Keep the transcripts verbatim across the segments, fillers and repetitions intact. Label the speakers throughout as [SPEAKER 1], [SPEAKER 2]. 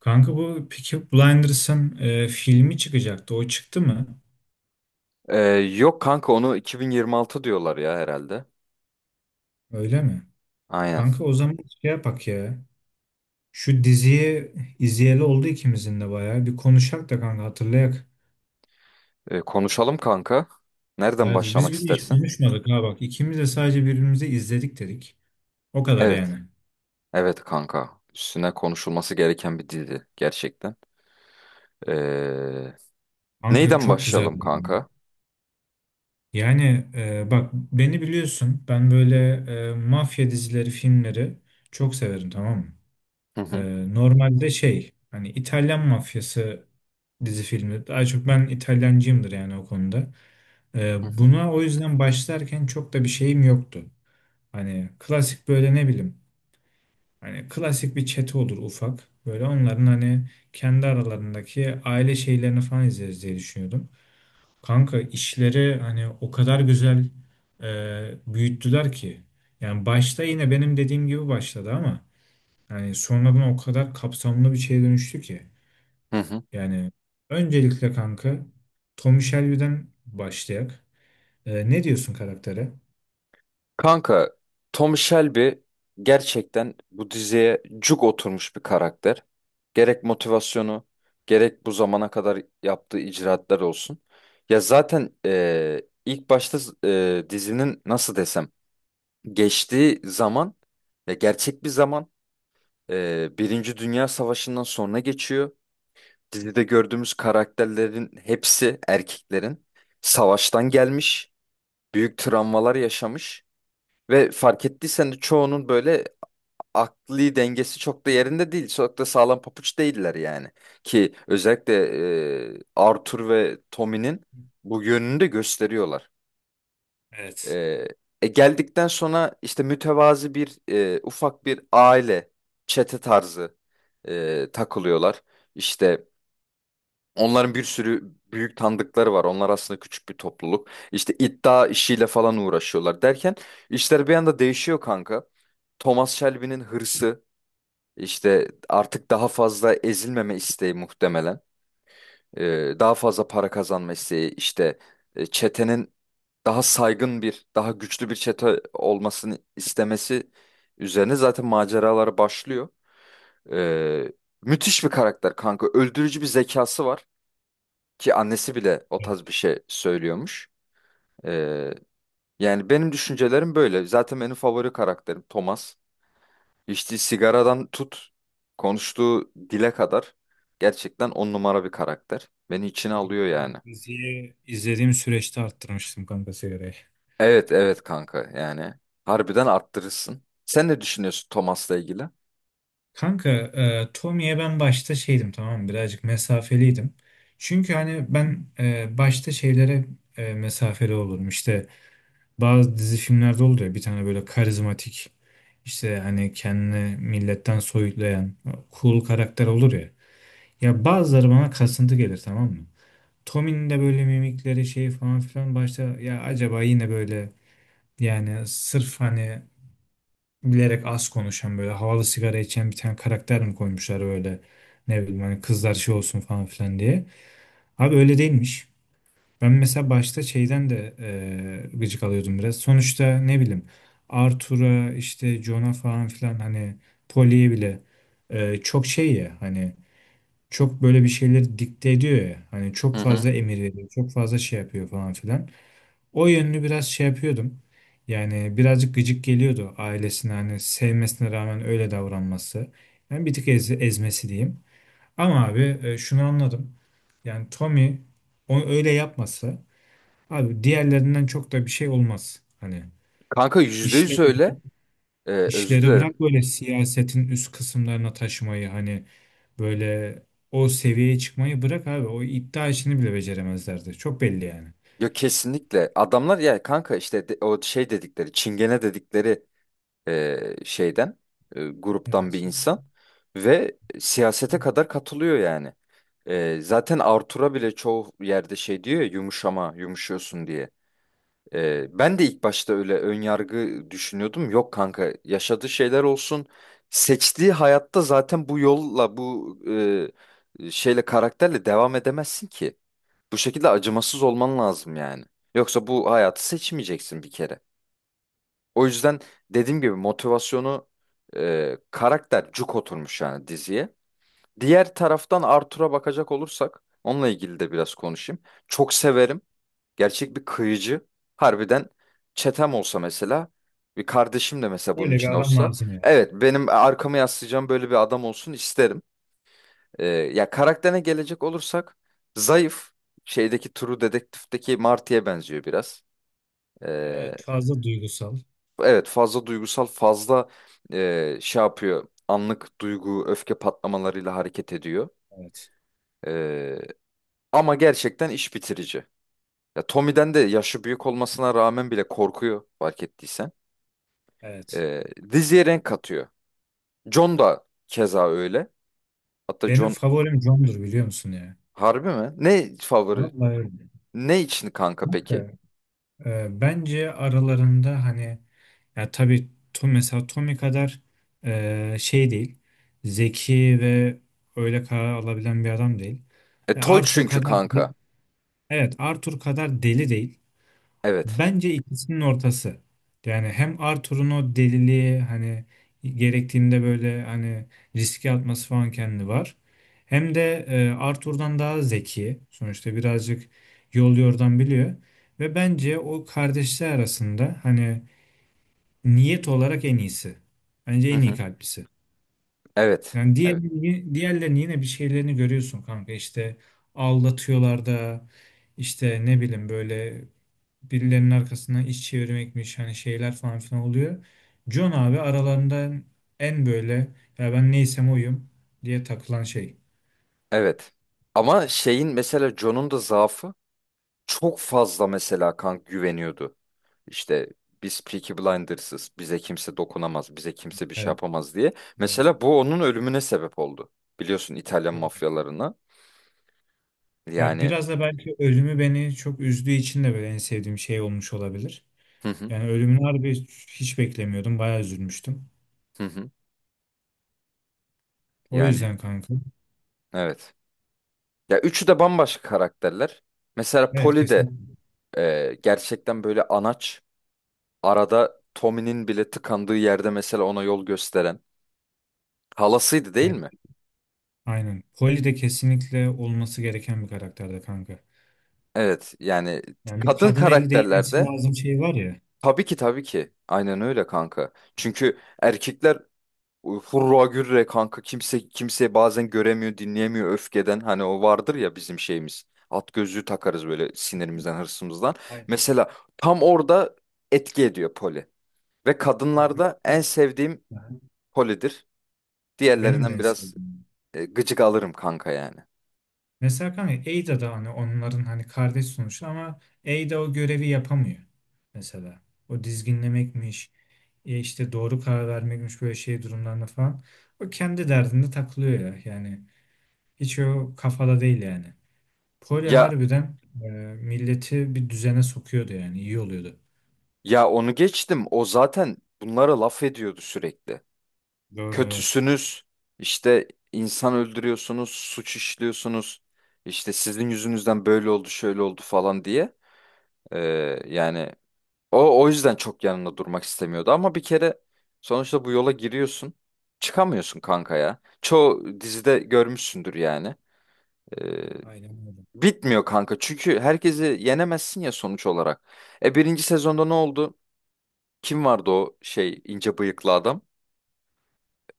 [SPEAKER 1] Kanka bu Peaky Blinders'ın e, filmi çıkacaktı. O çıktı mı?
[SPEAKER 2] Ee, yok kanka onu iki bin yirmi altı diyorlar ya herhalde.
[SPEAKER 1] Öyle mi?
[SPEAKER 2] Aynen.
[SPEAKER 1] Kanka o zaman şey yapak ya. Şu diziyi izleyeli oldu ikimizin de bayağı. Bir konuşak da kanka hatırlayak.
[SPEAKER 2] Ee, konuşalım kanka. Nereden
[SPEAKER 1] Evet, biz
[SPEAKER 2] başlamak
[SPEAKER 1] bir de hiç
[SPEAKER 2] istersin?
[SPEAKER 1] konuşmadık ha bak. İkimiz de sadece birbirimizi izledik dedik. O kadar
[SPEAKER 2] Evet.
[SPEAKER 1] yani.
[SPEAKER 2] Evet kanka. Üstüne konuşulması gereken bir dizi gerçekten. Ee,
[SPEAKER 1] Kanka
[SPEAKER 2] Neyden
[SPEAKER 1] çok
[SPEAKER 2] başlayalım
[SPEAKER 1] güzeldi.
[SPEAKER 2] kanka?
[SPEAKER 1] Yani e, bak beni biliyorsun. Ben böyle e, mafya dizileri, filmleri çok severim, tamam mı?
[SPEAKER 2] Hı hı.
[SPEAKER 1] Ee, normalde şey, hani İtalyan mafyası dizi filmi. Daha çok ben İtalyancıyımdır yani o konuda. Ee,
[SPEAKER 2] Hı hı.
[SPEAKER 1] buna o yüzden başlarken çok da bir şeyim yoktu. Hani klasik böyle, ne bileyim, hani klasik bir çete olur ufak. Böyle onların hani kendi aralarındaki aile şeylerini falan izleriz diye düşünüyordum. Kanka işleri hani o kadar güzel e, büyüttüler ki. Yani başta yine benim dediğim gibi başladı ama yani sonradan o kadar kapsamlı bir şeye dönüştü ki.
[SPEAKER 2] Hı hı.
[SPEAKER 1] Yani öncelikle kanka Tommy Shelby'den başlayak. Ee, ne diyorsun karaktere?
[SPEAKER 2] Kanka Tom Shelby gerçekten bu diziye cuk oturmuş bir karakter. Gerek motivasyonu, gerek bu zamana kadar yaptığı icraatlar olsun. Ya zaten e, ilk başta e, dizinin nasıl desem geçtiği zaman, ya gerçek bir zaman, e, Birinci Dünya Savaşı'ndan sonra geçiyor. Dizide gördüğümüz karakterlerin hepsi, erkeklerin savaştan gelmiş, büyük travmalar yaşamış. Ve fark ettiysen de çoğunun böyle akli dengesi çok da yerinde değil. Çok da sağlam papuç değiller yani. Ki özellikle e, Arthur ve Tommy'nin bu yönünü de gösteriyorlar.
[SPEAKER 1] Evet.
[SPEAKER 2] E, e, Geldikten sonra işte mütevazi bir, e, ufak bir aile çete tarzı e, takılıyorlar. İşte onların bir sürü büyük tanıdıkları var. Onlar aslında küçük bir topluluk. İşte iddia işiyle falan uğraşıyorlar derken işler bir anda değişiyor kanka. Thomas Shelby'nin hırsı, işte artık daha fazla ezilmeme isteği muhtemelen. Ee, daha fazla para kazanma isteği, işte e, çetenin daha saygın bir, daha güçlü bir çete olmasını istemesi üzerine zaten maceraları başlıyor. Ee, Müthiş bir karakter kanka. Öldürücü bir zekası var. Ki annesi bile o tarz bir
[SPEAKER 1] Evet.
[SPEAKER 2] şey söylüyormuş. Ee, Yani benim düşüncelerim böyle. Zaten benim favori karakterim Thomas. İçtiği sigaradan tut, konuştuğu dile kadar gerçekten on numara bir karakter. Beni içine
[SPEAKER 1] Doğru.
[SPEAKER 2] alıyor yani.
[SPEAKER 1] Diziyi izlediğim süreçte arttırmıştım kanka sigarayı.
[SPEAKER 2] Evet, evet kanka yani. Harbiden arttırırsın. Sen ne düşünüyorsun Thomas'la ilgili?
[SPEAKER 1] Kanka e, Tommy'ye ben başta şeydim, tamam mı? Birazcık mesafeliydim. Çünkü hani ben e, başta şeylere e, mesafeli olurum. İşte bazı dizi filmlerde oldu ya, bir tane böyle karizmatik, işte hani kendini milletten soyutlayan cool karakter olur ya. Ya bazıları bana kasıntı gelir, tamam mı? Tommy'nin de böyle mimikleri şey falan filan, başta ya acaba yine böyle, yani sırf hani bilerek az konuşan böyle havalı sigara içen bir tane karakter mi koymuşlar böyle, ne bileyim, hani kızlar şey olsun falan filan diye. Abi öyle değilmiş. Ben mesela başta şeyden de e, gıcık alıyordum biraz. Sonuçta ne bileyim, Arthur'a işte Jon'a falan filan, hani Pollyye bile e, çok şey ya, hani çok böyle bir şeyleri dikte ediyor ya. Hani çok
[SPEAKER 2] Hı hı.
[SPEAKER 1] fazla emir veriyor, çok fazla şey yapıyor falan filan. O yönünü biraz şey yapıyordum. Yani birazcık gıcık geliyordu ailesine, hani sevmesine rağmen öyle davranması. Yani bir tık ez- ezmesi diyeyim. Ama abi e, şunu anladım. Yani Tommy o öyle yapmasa, abi diğerlerinden çok da bir şey olmaz. Hani
[SPEAKER 2] Kanka yüzde yüz
[SPEAKER 1] işleri
[SPEAKER 2] öyle. Ee, özür
[SPEAKER 1] işleri bırak
[SPEAKER 2] dilerim.
[SPEAKER 1] böyle siyasetin üst kısımlarına taşımayı, hani böyle o seviyeye çıkmayı bırak abi. O iddia işini bile beceremezlerdi. Çok belli yani.
[SPEAKER 2] Ya kesinlikle. Adamlar ya kanka, işte de- o şey dedikleri, çingene dedikleri e, şeyden, e, gruptan bir
[SPEAKER 1] Evet.
[SPEAKER 2] insan ve siyasete kadar katılıyor yani. E, zaten Artur'a bile çoğu yerde şey diyor ya, yumuşama, yumuşuyorsun diye. E, ben de ilk başta öyle ön yargı düşünüyordum. Yok kanka, yaşadığı şeyler olsun. Seçtiği hayatta zaten bu yolla, bu e, şeyle, karakterle devam edemezsin ki. Bu şekilde acımasız olman lazım yani. Yoksa bu hayatı seçmeyeceksin bir kere. O yüzden dediğim gibi motivasyonu, e, karakter cuk oturmuş yani diziye. Diğer taraftan Arthur'a bakacak olursak, onunla ilgili de biraz konuşayım. Çok severim. Gerçek bir kıyıcı. Harbiden çetem olsa mesela, bir kardeşim de mesela
[SPEAKER 1] Öyle
[SPEAKER 2] bunun için
[SPEAKER 1] bir adam
[SPEAKER 2] olsa.
[SPEAKER 1] lazım ya.
[SPEAKER 2] Evet, benim arkamı yaslayacağım böyle bir adam olsun isterim. E, ya karakterine gelecek olursak, zayıf. Şeydeki, True Detective'deki Marty'ye benziyor biraz. E,
[SPEAKER 1] Evet, fazla duygusal.
[SPEAKER 2] Evet, fazla duygusal, fazla e, şey yapıyor, anlık duygu öfke patlamalarıyla hareket ediyor.
[SPEAKER 1] Evet.
[SPEAKER 2] E, Ama gerçekten iş bitirici. Ya Tommy'den de yaşı büyük olmasına rağmen bile korkuyor, fark ettiysen.
[SPEAKER 1] Evet.
[SPEAKER 2] E, Diziye renk katıyor. John da keza öyle. Hatta
[SPEAKER 1] Benim
[SPEAKER 2] John,
[SPEAKER 1] favorim John'dur biliyor musun ya?
[SPEAKER 2] harbi mi? Ne favori
[SPEAKER 1] Vallahi öyle.
[SPEAKER 2] ne için kanka peki?
[SPEAKER 1] Ee, bence aralarında hani, ya tabii to, mesela Tommy kadar e, şey değil. Zeki ve öyle karar alabilen bir adam değil.
[SPEAKER 2] E,
[SPEAKER 1] E,
[SPEAKER 2] toy
[SPEAKER 1] Arthur
[SPEAKER 2] çünkü
[SPEAKER 1] kadar
[SPEAKER 2] kanka.
[SPEAKER 1] değil, evet Arthur kadar deli değil.
[SPEAKER 2] Evet.
[SPEAKER 1] Bence ikisinin ortası. Yani hem Arthur'un o deliliği, hani gerektiğinde böyle hani riske atması falan kendi var. Hem de e, Arthur'dan daha zeki. Sonuçta birazcık yol yordan biliyor. Ve bence o kardeşler arasında, hani niyet olarak en iyisi. Bence
[SPEAKER 2] Hı
[SPEAKER 1] en iyi
[SPEAKER 2] hı.
[SPEAKER 1] kalplisi.
[SPEAKER 2] Evet.
[SPEAKER 1] Yani diğer,
[SPEAKER 2] Evet.
[SPEAKER 1] diğerlerini yine bir şeylerini görüyorsun kanka. İşte aldatıyorlar da, işte ne bileyim böyle birilerinin arkasından iş çevirmekmiş, hani şeyler falan filan oluyor. John abi aralarından en böyle "ya ben neysem oyum" diye takılan şey.
[SPEAKER 2] Evet. Ama şeyin, mesela John'un da zaafı, çok fazla mesela kank güveniyordu. İşte biz Peaky Blinders'ız. Bize kimse dokunamaz. Bize kimse bir şey
[SPEAKER 1] Evet.
[SPEAKER 2] yapamaz diye.
[SPEAKER 1] Doğru.
[SPEAKER 2] Mesela bu onun ölümüne sebep oldu. Biliyorsun, İtalyan
[SPEAKER 1] Doğru.
[SPEAKER 2] mafyalarına.
[SPEAKER 1] Ya
[SPEAKER 2] Yani
[SPEAKER 1] biraz da belki ölümü beni çok üzdüğü için de böyle en sevdiğim şey olmuş olabilir.
[SPEAKER 2] hı hı,
[SPEAKER 1] Yani ölümünü harbi hiç beklemiyordum. Bayağı üzülmüştüm.
[SPEAKER 2] hı hı.
[SPEAKER 1] O
[SPEAKER 2] Yani
[SPEAKER 1] yüzden kanka.
[SPEAKER 2] evet. Ya üçü de bambaşka karakterler. Mesela
[SPEAKER 1] Evet,
[SPEAKER 2] Polly de
[SPEAKER 1] kesinlikle.
[SPEAKER 2] e, gerçekten böyle anaç. Arada Tommy'nin bile tıkandığı yerde mesela ona yol gösteren. Halasıydı değil
[SPEAKER 1] Ben-
[SPEAKER 2] mi?
[SPEAKER 1] Aynen. Polly de kesinlikle olması gereken bir karakterde kanka.
[SPEAKER 2] Evet yani
[SPEAKER 1] Yani bir
[SPEAKER 2] kadın
[SPEAKER 1] kadın eli değmesi
[SPEAKER 2] karakterlerde.
[SPEAKER 1] lazım, şey var ya.
[SPEAKER 2] Tabii ki, tabii ki. Aynen öyle kanka. Çünkü erkekler hurra gürre kanka, kimse kimse bazen göremiyor, dinleyemiyor öfkeden. Hani o vardır ya bizim şeyimiz. At gözlüğü takarız böyle, sinirimizden, hırsımızdan.
[SPEAKER 1] Aynen.
[SPEAKER 2] Mesela tam orada etki ediyor poli. Ve
[SPEAKER 1] Evet.
[SPEAKER 2] kadınlarda en sevdiğim
[SPEAKER 1] Mesela-
[SPEAKER 2] polidir.
[SPEAKER 1] Benim de
[SPEAKER 2] Diğerlerinden
[SPEAKER 1] en
[SPEAKER 2] biraz
[SPEAKER 1] sevdiğim.
[SPEAKER 2] e, gıcık alırım kanka yani.
[SPEAKER 1] Mesela kanka Ada da hani onların hani kardeş sonuçta ama Ada o görevi yapamıyor. Mesela. O dizginlemekmiş. e, işte doğru karar vermekmiş böyle şey durumlarında falan. O kendi derdinde takılıyor ya. Yani hiç o kafada değil yani. Kolye
[SPEAKER 2] Ya
[SPEAKER 1] harbiden e, milleti bir düzene sokuyordu yani, iyi oluyordu.
[SPEAKER 2] ya onu geçtim. O zaten bunlara laf ediyordu sürekli.
[SPEAKER 1] Doğru evet.
[SPEAKER 2] Kötüsünüz, işte insan öldürüyorsunuz, suç işliyorsunuz, işte sizin yüzünüzden böyle oldu, şöyle oldu falan diye. Ee, Yani o o yüzden çok yanında durmak istemiyordu, ama bir kere sonuçta bu yola giriyorsun, çıkamıyorsun kanka ya. Çoğu dizide görmüşsündür yani. Ee,
[SPEAKER 1] Aynen
[SPEAKER 2] Bitmiyor kanka, çünkü herkesi yenemezsin ya sonuç olarak. E birinci sezonda ne oldu? Kim vardı o şey, ince bıyıklı adam?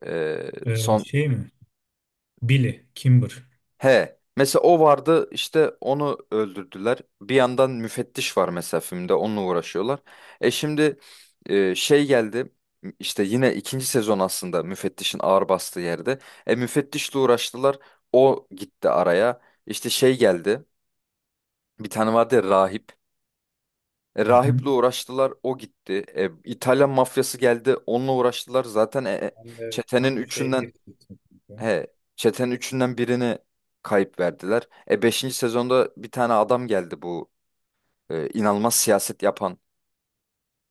[SPEAKER 2] Ee,
[SPEAKER 1] öyle. E,
[SPEAKER 2] son
[SPEAKER 1] şey mi? Billy, Kimber.
[SPEAKER 2] He. Mesela o vardı, işte onu öldürdüler. Bir yandan müfettiş var mesela filmde, onunla uğraşıyorlar. E şimdi e, şey geldi, işte yine ikinci sezon aslında müfettişin ağır bastığı yerde. E müfettişle uğraştılar. O gitti araya. İşte şey geldi. Bir tane vardı ya, rahip. E,
[SPEAKER 1] Hı hı.
[SPEAKER 2] rahiple uğraştılar, o gitti. E, İtalyan mafyası geldi, onunla uğraştılar. Zaten e, e,
[SPEAKER 1] Ben de
[SPEAKER 2] çetenin
[SPEAKER 1] tam şeye
[SPEAKER 2] üçünden
[SPEAKER 1] getirecektim. Kanka.
[SPEAKER 2] He, çetenin üçünden birini kayıp verdiler. E beşinci sezonda bir tane adam geldi, bu e, inanılmaz siyaset yapan,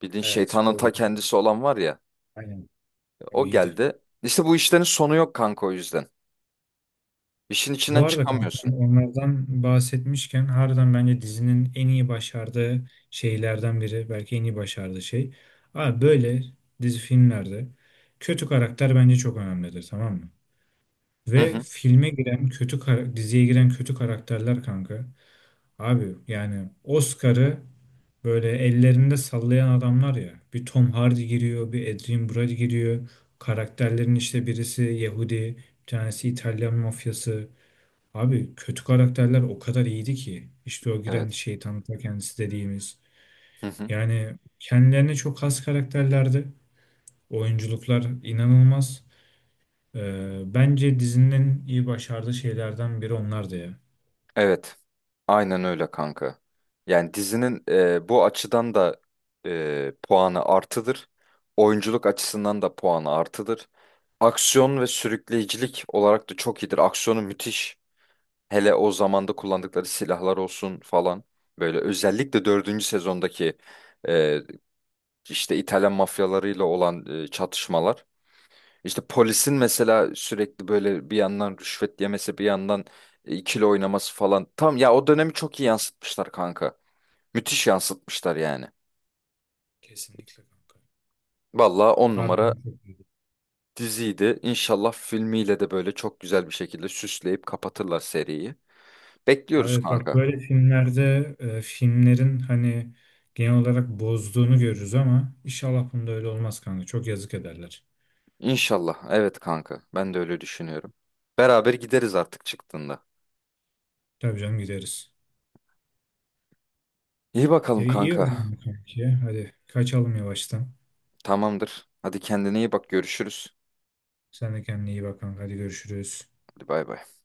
[SPEAKER 2] bildiğin
[SPEAKER 1] Evet
[SPEAKER 2] şeytanın
[SPEAKER 1] o
[SPEAKER 2] ta
[SPEAKER 1] iyiydi.
[SPEAKER 2] kendisi olan var ya,
[SPEAKER 1] Aynen,
[SPEAKER 2] e,
[SPEAKER 1] o
[SPEAKER 2] o
[SPEAKER 1] iyiydi.
[SPEAKER 2] geldi. İşte bu işlerin sonu yok kanka, o yüzden. İşin içinden
[SPEAKER 1] Bu arada kanka
[SPEAKER 2] çıkamıyorsun.
[SPEAKER 1] onlardan bahsetmişken, harbiden bence dizinin en iyi başardığı şeylerden biri. Belki en iyi başardığı şey. Abi böyle dizi filmlerde kötü karakter bence çok önemlidir, tamam mı?
[SPEAKER 2] Hı
[SPEAKER 1] Ve
[SPEAKER 2] hı.
[SPEAKER 1] filme giren kötü kara- diziye giren kötü karakterler kanka. Abi yani Oscar'ı böyle ellerinde sallayan adamlar ya. Bir Tom Hardy giriyor, bir Adrien Brody giriyor. Karakterlerin işte birisi Yahudi, bir tanesi İtalyan mafyası. Abi kötü karakterler o kadar iyiydi ki. İşte o giren
[SPEAKER 2] Evet.
[SPEAKER 1] şeytan ta kendisi dediğimiz.
[SPEAKER 2] Hı hı.
[SPEAKER 1] Yani kendilerine çok has karakterlerdi. Oyunculuklar inanılmaz. Ee, bence dizinin iyi başardığı şeylerden biri onlardı ya.
[SPEAKER 2] Evet. Aynen öyle kanka. Yani dizinin e, bu açıdan da e, puanı artıdır. Oyunculuk açısından da puanı artıdır. Aksiyon ve sürükleyicilik olarak da çok iyidir. Aksiyonu müthiş. Hele o zamanda kullandıkları silahlar olsun falan. Böyle özellikle dördüncü sezondaki e, işte İtalyan mafyalarıyla olan e, çatışmalar. İşte polisin mesela sürekli böyle bir yandan rüşvet yemesi, bir yandan e, ikili oynaması falan. Tam ya, o dönemi çok iyi yansıtmışlar kanka. Müthiş yansıtmışlar yani.
[SPEAKER 1] Kesinlikle kanka.
[SPEAKER 2] Vallahi on numara
[SPEAKER 1] Harbiden çok iyiydi.
[SPEAKER 2] diziydi. İnşallah filmiyle de böyle çok güzel bir şekilde süsleyip kapatırlar seriyi. Bekliyoruz
[SPEAKER 1] Evet bak
[SPEAKER 2] kanka.
[SPEAKER 1] böyle filmlerde e, filmlerin hani genel olarak bozduğunu görürüz ama inşallah bunda öyle olmaz kanka. Çok yazık ederler.
[SPEAKER 2] İnşallah. Evet kanka. Ben de öyle düşünüyorum. Beraber gideriz artık çıktığında.
[SPEAKER 1] Tabii canım, gideriz.
[SPEAKER 2] İyi bakalım
[SPEAKER 1] E, iyi o
[SPEAKER 2] kanka.
[SPEAKER 1] zaman kanki. Hadi kaçalım yavaştan.
[SPEAKER 2] Tamamdır. Hadi kendine iyi bak. Görüşürüz.
[SPEAKER 1] Sen de kendine iyi bak kanka. Hadi görüşürüz.
[SPEAKER 2] Hadi bay bay.